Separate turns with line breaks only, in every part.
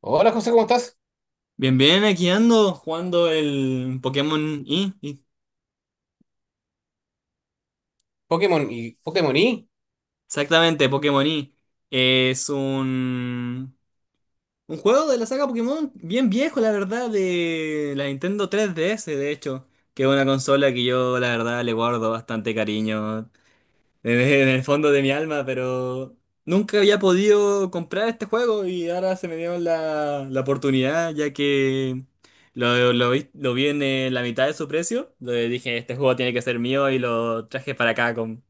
Hola José, ¿cómo estás?
Bien, bien, aquí ando jugando el Pokémon Y.
Pokémon y Pokémon Y.
Exactamente, Pokémon Y. Es un juego de la saga Pokémon bien viejo, la verdad, de la Nintendo 3DS, de hecho, que es una consola que yo, la verdad, le guardo bastante cariño. En en el fondo de mi alma, pero nunca había podido comprar este juego y ahora se me dio la oportunidad, ya que lo vi en la mitad de su precio. Le dije, este juego tiene que ser mío y lo traje para acá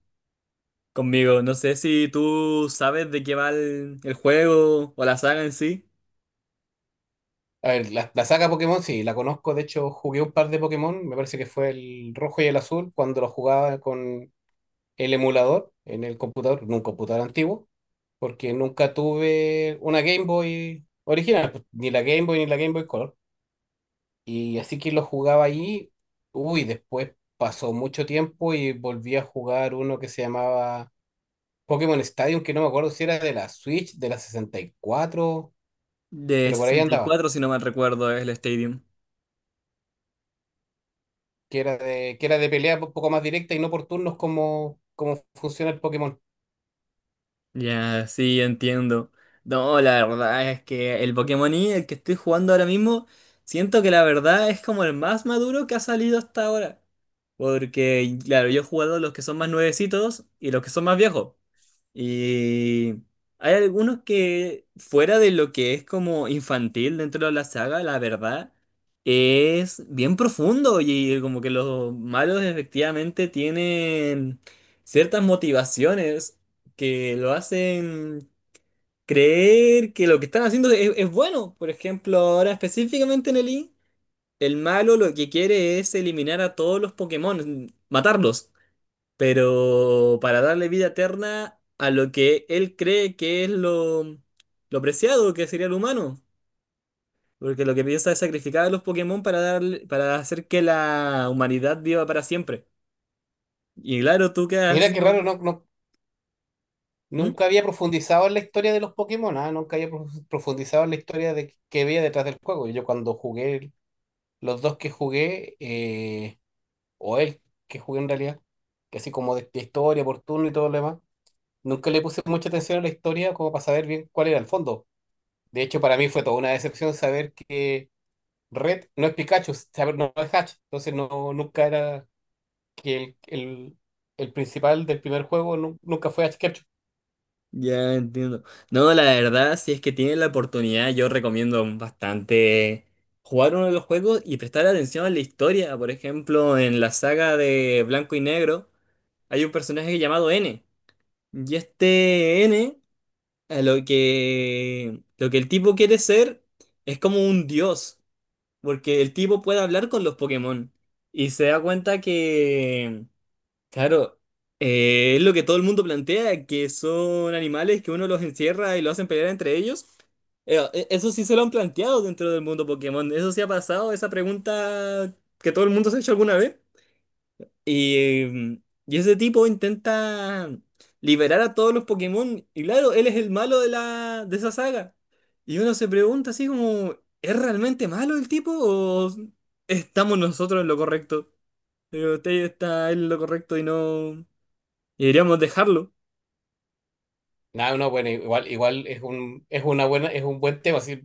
conmigo. No sé si tú sabes de qué va el juego o la saga en sí.
A ver, la saga Pokémon, sí, la conozco. De hecho, jugué un par de Pokémon. Me parece que fue el rojo y el azul cuando lo jugaba con el emulador en el computador, en un computador antiguo, porque nunca tuve una Game Boy original, pues, ni la Game Boy ni la Game Boy Color. Y así que lo jugaba ahí. Uy, después pasó mucho tiempo y volví a jugar uno que se llamaba Pokémon Stadium, que no me acuerdo si era de la Switch, de la 64,
De
pero por ahí
sesenta y
andaba.
cuatro si no mal recuerdo, es el Stadium.
Que era de pelea un poco más directa y no por turnos como, como funciona el Pokémon.
Ya, sí, entiendo. No, la verdad es que el Pokémon Y, el que estoy jugando ahora mismo, siento que la verdad es como el más maduro que ha salido hasta ahora. Porque, claro, yo he jugado los que son más nuevecitos y los que son más viejos. Y hay algunos que, fuera de lo que es como infantil dentro de la saga, la verdad, es bien profundo y como que los malos efectivamente tienen ciertas motivaciones que lo hacen creer que lo que están haciendo es bueno. Por ejemplo, ahora específicamente en el I, el malo lo que quiere es eliminar a todos los Pokémon, matarlos, pero para darle vida eterna a lo que él cree que es lo preciado que sería el humano. Porque lo que piensa es sacrificar a los Pokémon para hacer que la humanidad viva para siempre. Y claro, tú quedas
Mira
así
qué raro,
como...
no, no,
¿Mm?
nunca había profundizado en la historia de los Pokémon, ah, nunca había profundizado en la historia de que había detrás del juego. Yo cuando jugué, los dos que jugué, o el que jugué en realidad, que así como de historia, por turno y todo lo demás, nunca le puse mucha atención a la historia como para saber bien cuál era el fondo. De hecho, para mí fue toda una decepción saber que Red no es Pikachu, saber, no es Hatch. Entonces no, nunca era, que el principal del primer juego nunca fue Ash Ketchum.
Ya entiendo. No, la verdad, si es que tienen la oportunidad, yo recomiendo bastante jugar uno de los juegos y prestar atención a la historia. Por ejemplo, en la saga de Blanco y Negro hay un personaje llamado N. Y este N, a lo que el tipo quiere ser es como un dios, porque el tipo puede hablar con los Pokémon y se da cuenta que, claro, es lo que todo el mundo plantea, que son animales que uno los encierra y lo hacen pelear entre ellos. Eso sí se lo han planteado dentro del mundo Pokémon, eso sí ha pasado, esa pregunta que todo el mundo se ha hecho alguna vez. Y, mm, y ese tipo intenta liberar a todos los Pokémon. Y claro, él es el malo de de esa saga. Y uno se pregunta así como, ¿es realmente malo el tipo o estamos nosotros en lo correcto? Pero usted está en lo correcto y no... Y deberíamos dejarlo.
No, no, bueno, igual, igual es un, es una buena, es un buen tema. Así,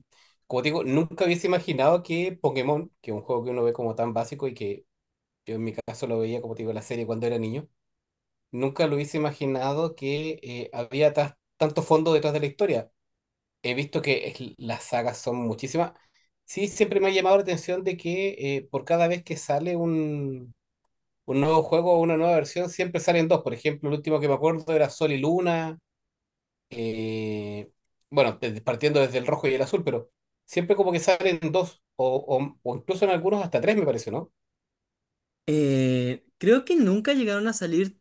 como te digo, nunca hubiese imaginado que Pokémon, que es un juego que uno ve como tan básico y que yo en mi caso lo veía, como te digo, en la serie cuando era niño, nunca lo hubiese imaginado que había tanto fondo detrás de la historia. He visto que las sagas son muchísimas. Sí, siempre me ha llamado la atención de que por cada vez que sale un nuevo juego o una nueva versión, siempre salen dos. Por ejemplo, el último que me acuerdo era Sol y Luna. eh, bueno, partiendo desde el rojo y el azul, pero siempre como que salen dos, o, o incluso en algunos hasta tres, me parece, ¿no?
Creo que nunca llegaron a salir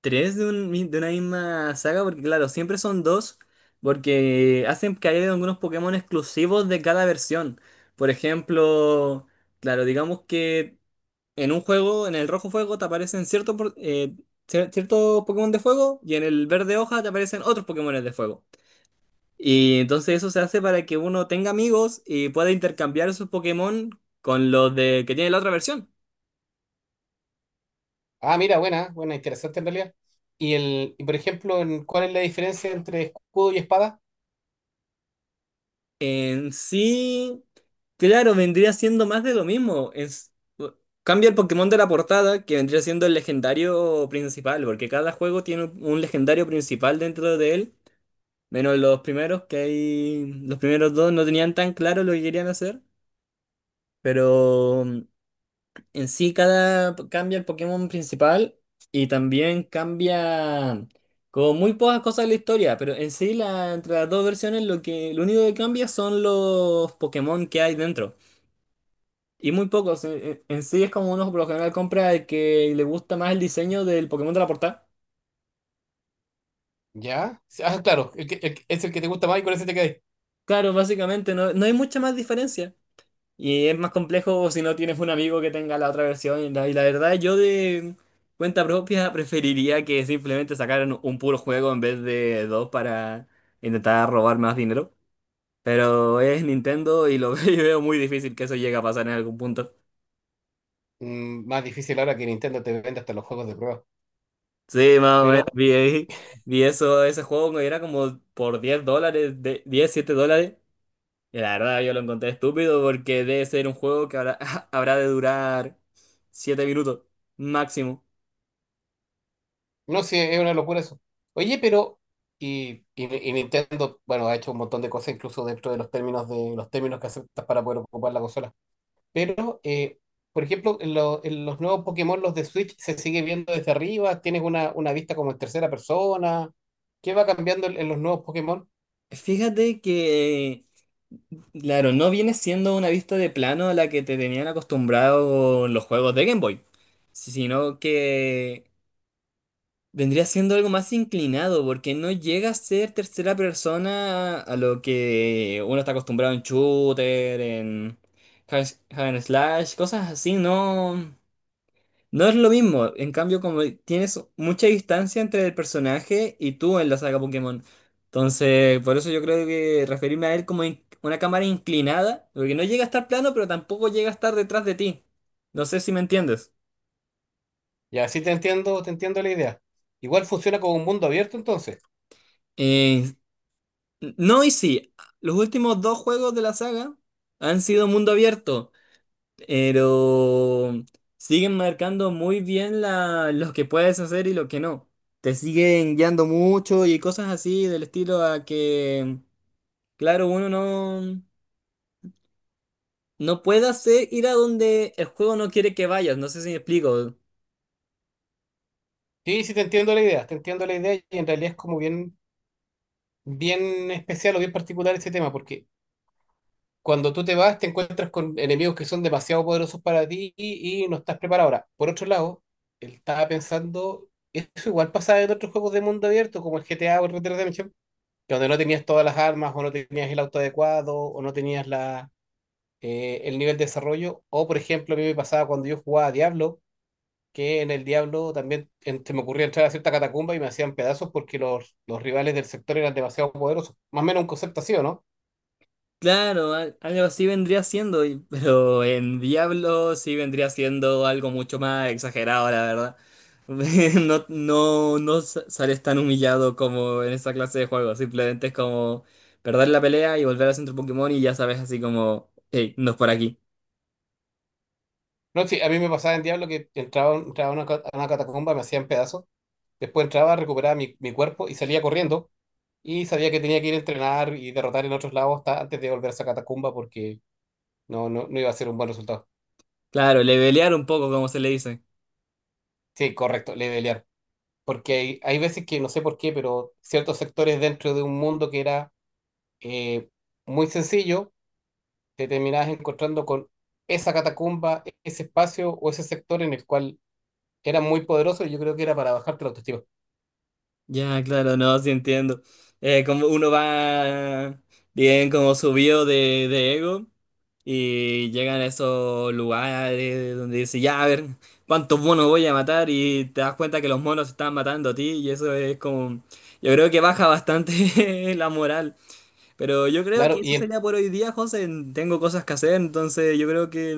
tres de, de una misma saga, porque claro, siempre son dos, porque hacen que haya algunos Pokémon exclusivos de cada versión. Por ejemplo, claro, digamos que en un juego, en el rojo fuego, te aparecen ciertos Pokémon de fuego y en el verde hoja te aparecen otros Pokémon de fuego. Y entonces eso se hace para que uno tenga amigos y pueda intercambiar sus Pokémon con los de que tiene la otra versión.
Ah, mira, buena, buena, interesante en realidad. Y, el, y por ejemplo, ¿cuál es la diferencia entre escudo y espada?
En sí, claro, vendría siendo más de lo mismo. Es, cambia el Pokémon de la portada, que vendría siendo el legendario principal, porque cada juego tiene un legendario principal dentro de él, menos los primeros, que hay, los primeros dos no tenían tan claro lo que querían hacer, pero en sí, cada cambia el Pokémon principal y también cambia como muy pocas cosas de la historia, pero en sí la, entre las dos versiones lo que lo único que cambia son los Pokémon que hay dentro. Y muy pocos. En sí es como uno por lo general compra el que le gusta más el diseño del Pokémon de la portada.
¿Ya? Ah, claro, es el que te gusta más y con ese te quedas.
Claro, básicamente no hay mucha más diferencia. Y es más complejo si no tienes un amigo que tenga la otra versión. Y la verdad, yo de cuenta propia preferiría que simplemente sacaran un puro juego en vez de dos para intentar robar más dinero. Pero es Nintendo y lo y veo muy difícil que eso llegue a pasar en algún punto.
Mm, más difícil ahora que Nintendo te vende hasta los juegos de prueba.
Sí, más o menos
Pero
vi, vi eso, ese juego que era como por $10, de, 10 7 dólares. Y la verdad yo lo encontré estúpido porque debe ser un juego que habrá, habrá de durar 7 minutos máximo.
no, sí, es una locura eso. Oye, pero, y, y Nintendo, bueno, ha hecho un montón de cosas, incluso dentro de los términos que aceptas para poder ocupar la consola. Pero, por ejemplo, en, en los nuevos Pokémon, los de Switch, se sigue viendo desde arriba, tienes una vista como en tercera persona. ¿Qué va cambiando en los nuevos Pokémon?
Fíjate que, claro, no viene siendo una vista de plano a la que te tenían acostumbrado los juegos de Game Boy, sino que vendría siendo algo más inclinado, porque no llega a ser tercera persona a lo que uno está acostumbrado en shooter, en hack and slash, cosas así, no. No es lo mismo, en cambio como tienes mucha distancia entre el personaje y tú en la saga Pokémon. Entonces, por eso yo creo que referirme a él como una cámara inclinada, porque no llega a estar plano, pero tampoco llega a estar detrás de ti. No sé si me entiendes.
Ya, sí te entiendo la idea. Igual funciona como un mundo abierto entonces.
Eh, no y sí, los últimos dos juegos de la saga han sido mundo abierto, pero siguen marcando muy bien lo que puedes hacer y lo que no. Te siguen guiando mucho y cosas así del estilo a que, claro, uno no, no puede hacer ir a donde el juego no quiere que vayas. No sé si me explico.
Sí, sí te entiendo la idea, te entiendo la idea, y en realidad es como bien, bien especial o bien particular ese tema, porque cuando tú te vas, te encuentras con enemigos que son demasiado poderosos para ti y no estás preparado. Ahora, por otro lado, él estaba pensando, eso igual pasaba en otros juegos de mundo abierto, como el GTA o el Red Dead Redemption, que donde no tenías todas las armas, o no tenías el auto adecuado, o no tenías la, el nivel de desarrollo. O, por ejemplo, a mí me pasaba cuando yo jugaba a Diablo, que en el Diablo también se me ocurría entrar a cierta catacumba y me hacían pedazos porque los rivales del sector eran demasiado poderosos. Más o menos un concepto así, ¿o no?
Claro, algo así vendría siendo, pero en Diablo sí vendría siendo algo mucho más exagerado, la verdad. No, no, sales tan humillado como en esa clase de juegos, simplemente es como perder la pelea y volver al centro Pokémon y ya sabes así como, hey, no es por aquí.
No, sí, a mí me pasaba en Diablo que entraba, entraba a una, a una catacumba, me hacían pedazos, después entraba, recuperaba mi, mi cuerpo y salía corriendo y sabía que tenía que ir a entrenar y derrotar en otros lados hasta antes de volver a esa catacumba porque no, no, no iba a ser un buen resultado.
Claro, levelear un poco, como se le dice.
Sí, correcto, levelear. Porque hay veces que no sé por qué, pero ciertos sectores dentro de un mundo que era eh, muy sencillo, te terminabas encontrando con esa catacumba, ese espacio o ese sector en el cual era muy poderoso y yo creo que era para bajarte la autoestima.
Ya, claro, no, sí entiendo. Como uno va bien como subido de ego. Y llegan a esos lugares donde dice, ya, a ver, ¿cuántos monos voy a matar? Y te das cuenta que los monos están matando a ti y eso es como... Yo creo que baja bastante la moral. Pero yo creo que
Claro, y
eso
en
sería por hoy día, José. Tengo cosas que hacer, entonces yo creo que...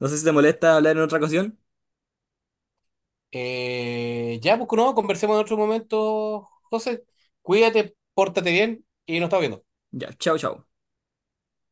No sé si te molesta hablar en otra ocasión.
Ya, pues no, conversemos en otro momento, José. Cuídate, pórtate bien y nos estamos viendo.
Ya, chao, chao.